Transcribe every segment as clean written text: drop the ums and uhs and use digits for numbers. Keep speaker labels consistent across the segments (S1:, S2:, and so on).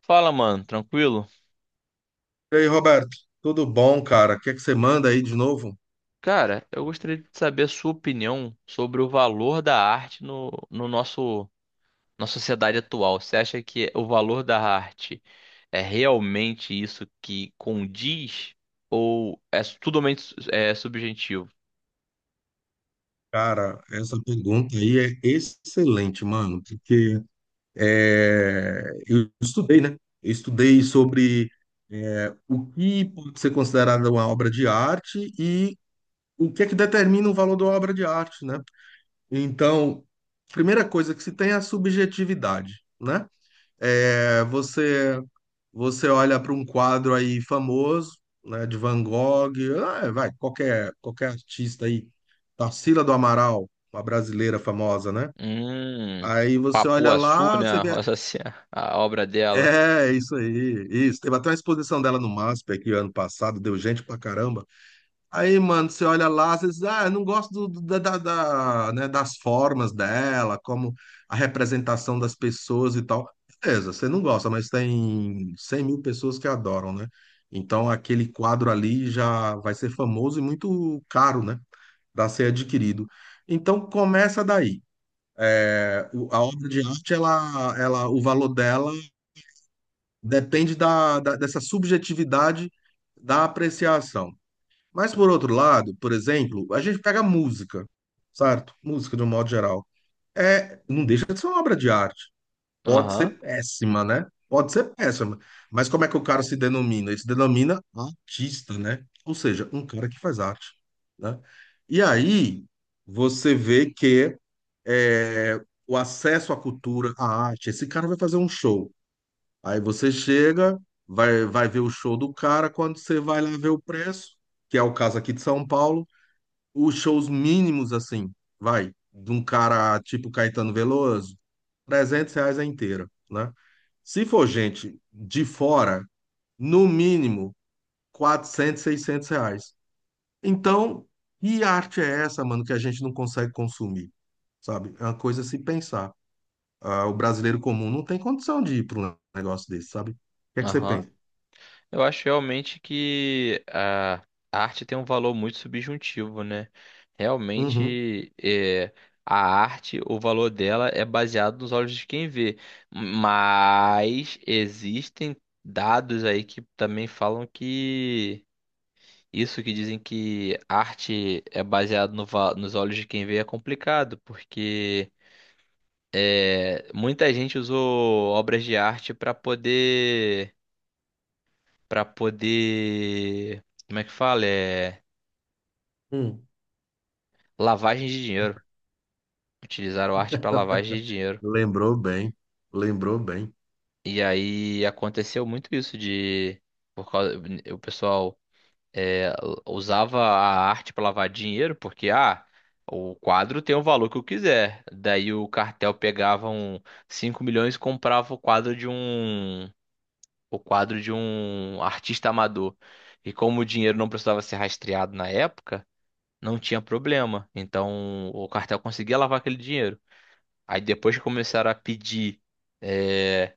S1: Fala, mano, tranquilo?
S2: E aí, Roberto, tudo bom, cara? O que é que você manda aí de novo?
S1: Cara, eu gostaria de saber a sua opinião sobre o valor da arte no, no nosso, na sociedade atual. Você acha que o valor da arte é realmente isso que condiz ou é totalmente subjetivo?
S2: Cara, essa pergunta aí é excelente, mano, porque eu estudei, né? Eu estudei sobre o que pode ser considerado uma obra de arte e o que é que determina o valor da obra de arte, né? Então, primeira coisa que se tem é a subjetividade, né? É, você Você olha para um quadro aí famoso, né, de Van Gogh, ah, vai, qualquer artista aí, Tarsila do Amaral, uma brasileira famosa, né?
S1: Hum.
S2: Aí você olha
S1: Papuaçu,
S2: lá,
S1: né?
S2: você vê,
S1: Essa, a obra dela.
S2: isso aí, isso. Teve até uma exposição dela no MASP aqui ano passado, deu gente pra caramba. Aí, mano, você olha lá, você diz, ah, eu não gosto né, das formas dela, como a representação das pessoas e tal. Beleza, você não gosta, mas tem 100 mil pessoas que adoram, né? Então, aquele quadro ali já vai ser famoso e muito caro, né? Para ser adquirido. Então, começa daí. É, a obra de arte, o valor dela depende dessa subjetividade da apreciação. Mas por outro lado, por exemplo, a gente pega música, certo? Música de um modo geral. Não deixa de ser uma obra de arte. Pode
S1: Aham,
S2: ser péssima, né? Pode ser péssima. Mas como é que o cara se denomina? Ele se denomina artista, né? Ou seja, um cara que faz arte, né? E aí você vê que é, o acesso à cultura, à arte, esse cara vai fazer um show. Aí você chega, vai, vai ver o show do cara, quando você vai lá ver o preço, que é o caso aqui de São Paulo, os shows mínimos, assim, vai, de um cara tipo Caetano Veloso, R$ 300 a inteira, né? Se for gente de fora, no mínimo, 400, 600 reais. Então, que arte é essa, mano, que a gente não consegue consumir, sabe? É uma coisa a se pensar. Ah, o brasileiro comum não tem condição de ir para um negócio desse, sabe? O que é que você
S1: aham.
S2: pensa?
S1: Eu acho realmente que a arte tem um valor muito subjuntivo, né?
S2: Uhum.
S1: Realmente, a arte, o valor dela é baseado nos olhos de quem vê. Mas existem dados aí que também falam que isso que dizem que arte é baseado no va- nos olhos de quem vê é complicado, porque muita gente usou obras de arte para poder, como é que fala? É
S2: Hum,
S1: lavagem de dinheiro. Utilizaram arte para lavagem de dinheiro.
S2: lembrou bem, lembrou bem.
S1: E aí aconteceu muito isso de por causa o pessoal é, usava a arte para lavar dinheiro porque, ah, o quadro tem o valor que eu quiser. Daí o cartel pegava um 5 milhões e comprava o quadro de um artista amador. E como o dinheiro não precisava ser rastreado na época, não tinha problema. Então o cartel conseguia lavar aquele dinheiro. Aí depois que começaram a pedir é,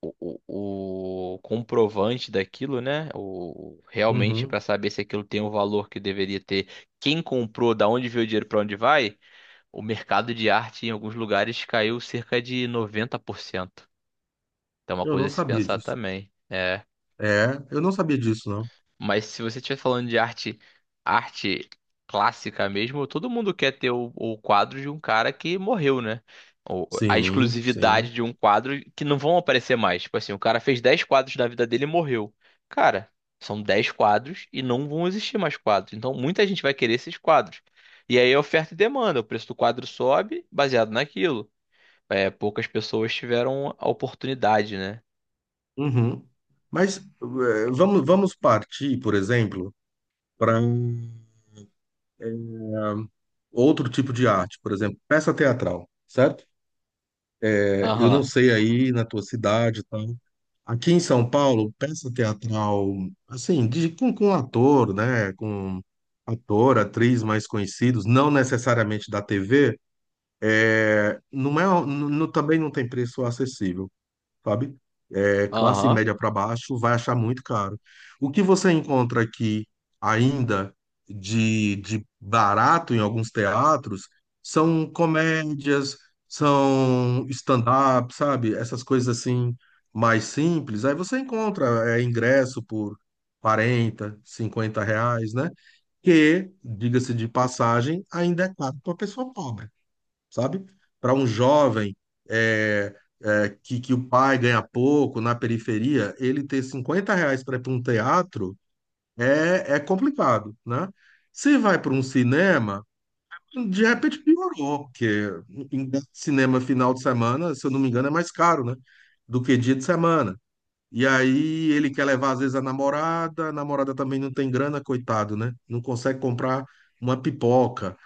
S1: o comprovante daquilo, né? Realmente para
S2: Uhum.
S1: saber se aquilo tem o valor que deveria ter, quem comprou, da onde veio o dinheiro, para onde vai, o mercado de arte em alguns lugares caiu cerca de 90%. Então é uma
S2: Eu
S1: coisa
S2: não
S1: a se
S2: sabia
S1: pensar
S2: disso.
S1: também.
S2: É, eu não sabia disso, não.
S1: Mas se você estiver falando de arte clássica mesmo, todo mundo quer ter o quadro de um cara que morreu, né? Ou a
S2: Sim, sim.
S1: exclusividade de um quadro que não vão aparecer mais. Tipo assim, o cara fez 10 quadros da vida dele e morreu. Cara, são 10 quadros e não vão existir mais quadros. Então muita gente vai querer esses quadros. E aí é oferta e demanda, o preço do quadro sobe baseado naquilo. É, poucas pessoas tiveram a oportunidade, né?
S2: Uhum. Mas vamos partir, por exemplo, para outro tipo de arte, por exemplo, peça teatral, certo? Eu não
S1: Aham,
S2: sei aí na tua cidade, e tal. Aqui em São Paulo, peça teatral, assim, com ator, né? Com ator, atriz mais conhecidos, não necessariamente da TV. Não é, também não tem preço acessível, sabe? Classe
S1: aham,
S2: média para baixo vai achar muito caro. O que você encontra aqui ainda de barato em alguns teatros são comédias, são stand-up, sabe? Essas coisas assim mais simples. Aí você encontra ingresso por 40 50 reais, né? Que, diga-se de passagem, ainda é caro para pessoa pobre, sabe? Para um jovem é, que o pai ganha pouco na periferia, ele ter R$ 50 para ir para um teatro é complicado, né? Se vai para um cinema, de repente piorou, porque cinema final de semana, se eu não me engano, é mais caro, né? Do que dia de semana. E aí ele quer levar, às vezes, a namorada também não tem grana, coitado, né? Não consegue comprar uma pipoca.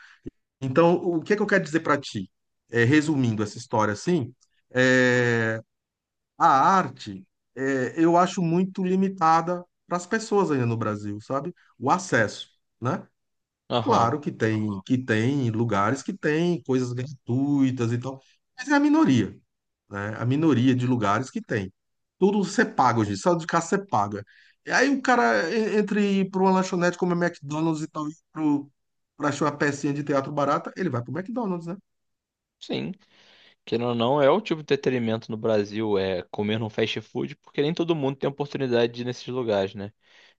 S2: Então, o que é que eu quero dizer para ti? Resumindo essa história assim, é, a arte eu acho muito limitada para as pessoas ainda no Brasil, sabe? O acesso, né?
S1: aham.
S2: Claro que tem lugares que tem coisas gratuitas e tal, mas é a minoria, né? A minoria de lugares que tem. Tudo você paga hoje, só de casa você paga. E aí o cara entre ir para uma lanchonete como a McDonald's e tal, para achar uma pecinha de teatro barata, ele vai para o McDonald's, né?
S1: Sim. Querendo ou não, é o tipo de entretenimento no Brasil, é comer num fast food, porque nem todo mundo tem oportunidade de ir nesses lugares, né?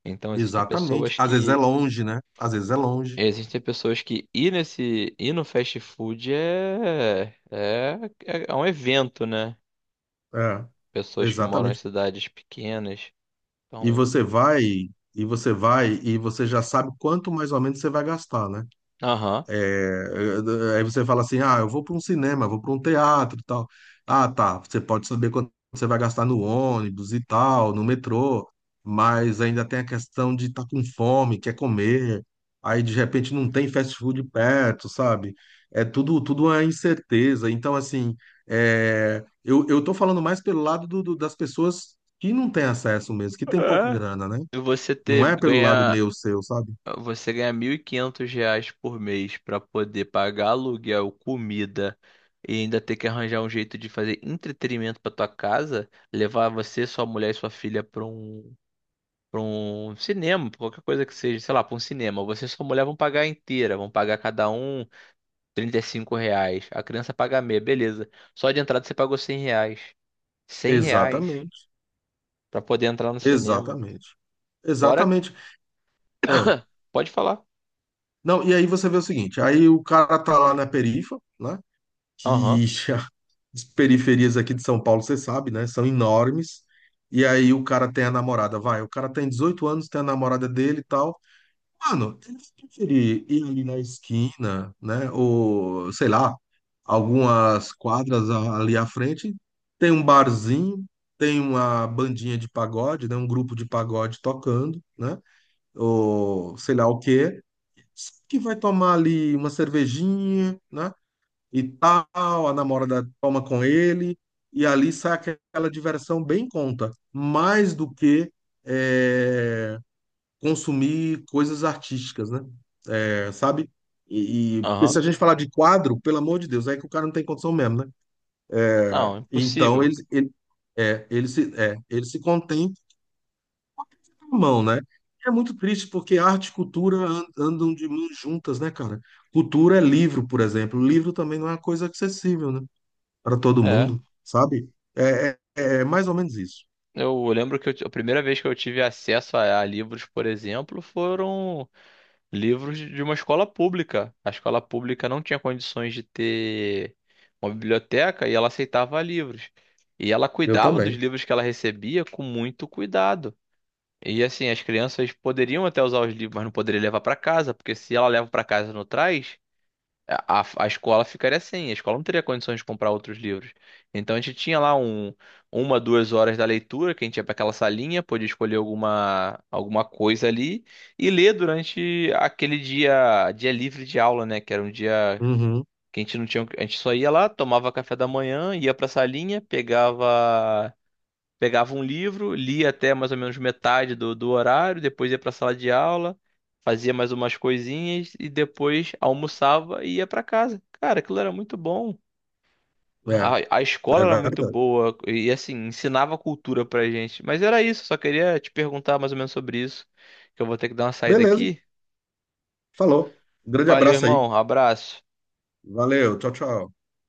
S1: Então existem
S2: Exatamente.
S1: pessoas
S2: Às vezes é
S1: que.
S2: longe, né? Às vezes é longe.
S1: Existem pessoas que ir nesse. Ir no fast food é um evento, né?
S2: É,
S1: Pessoas que moram em
S2: exatamente.
S1: cidades pequenas.
S2: E
S1: Então.
S2: você vai, e você vai, e você já sabe quanto mais ou menos você vai gastar, né?
S1: Aham.
S2: Aí você fala assim: ah, eu vou para um cinema, vou para um teatro e tal. Ah, tá. Você pode saber quanto você vai gastar no ônibus e tal, no metrô, mas ainda tem a questão de estar com fome, quer comer. Aí de repente não tem fast food perto, sabe? É tudo, tudo é incerteza. Então, assim, eu tô falando mais pelo lado das pessoas que não têm acesso mesmo, que tem pouca
S1: É.
S2: grana, né?
S1: E você
S2: Não
S1: ter,
S2: é pelo lado
S1: ganhar.
S2: meu, seu, sabe?
S1: Você ganha R$ 1.500 por mês para poder pagar aluguel, comida e ainda ter que arranjar um jeito de fazer entretenimento para tua casa, levar você, sua mulher e sua filha para um cinema, pra qualquer coisa que seja, sei lá, para um cinema. Você e sua mulher vão pagar inteira, vão pagar cada um R$ 35. A criança paga meia, beleza. Só de entrada você pagou R$ 100. R$ 100
S2: Exatamente.
S1: para poder entrar no cinema.
S2: Exatamente.
S1: Fora,
S2: Exatamente. É.
S1: pode falar.
S2: Não, e aí você vê o seguinte, aí o cara tá lá na perifa, né? Que
S1: Aham,
S2: as periferias aqui de São Paulo, você sabe, né? São enormes. E aí o cara tem a namorada, vai, o cara tem 18 anos, tem a namorada dele e tal. Mano, ele vai preferir ir ali na esquina, né? Ou, sei lá, algumas quadras ali à frente, tem um barzinho, tem uma bandinha de pagode, né? Um grupo de pagode tocando, né? Ou sei lá o quê. Que vai tomar ali uma cervejinha, né? E tal, a namorada toma com ele, e ali sai aquela diversão bem conta, mais do que é, consumir coisas artísticas, né? É, sabe? Porque se a
S1: aham.
S2: gente falar de quadro, pelo amor de Deus, é que o cara não tem condição mesmo, né?
S1: Não,
S2: Então
S1: impossível.
S2: ele se contém, mão, né? É muito triste porque arte e cultura andam de mãos juntas, né, cara? Cultura é livro, por exemplo. Livro também não é uma coisa acessível, né? Para todo
S1: É.
S2: mundo, sabe? É mais ou menos isso.
S1: Eu lembro que a primeira vez que eu tive acesso a livros, por exemplo, foram livros de uma escola pública. A escola pública não tinha condições de ter uma biblioteca e ela aceitava livros. E ela
S2: Eu
S1: cuidava dos
S2: também.
S1: livros que ela recebia com muito cuidado. E assim, as crianças poderiam até usar os livros, mas não poderiam levar para casa, porque se ela leva para casa e não traz, a escola ficaria sem, a escola não teria condições de comprar outros livros. Então a gente tinha lá 2 horas da leitura, que a gente ia para aquela salinha, podia escolher alguma coisa ali e ler durante aquele dia, dia livre de aula, né? Que era um dia
S2: Uhum.
S1: que a gente não tinha, a gente só ia lá, tomava café da manhã, ia para a salinha, pegava pegava um livro, lia até mais ou menos metade do horário, depois ia para a sala de aula, fazia mais umas coisinhas e depois almoçava e ia para casa. Cara, aquilo era muito bom.
S2: É,
S1: A
S2: é
S1: escola era muito
S2: verdade.
S1: boa e assim, ensinava cultura pra gente. Mas era isso, só queria te perguntar mais ou menos sobre isso, que eu vou ter que dar uma saída
S2: Beleza,
S1: aqui.
S2: falou. Um grande
S1: Valeu,
S2: abraço aí.
S1: irmão, abraço.
S2: Valeu, tchau, tchau.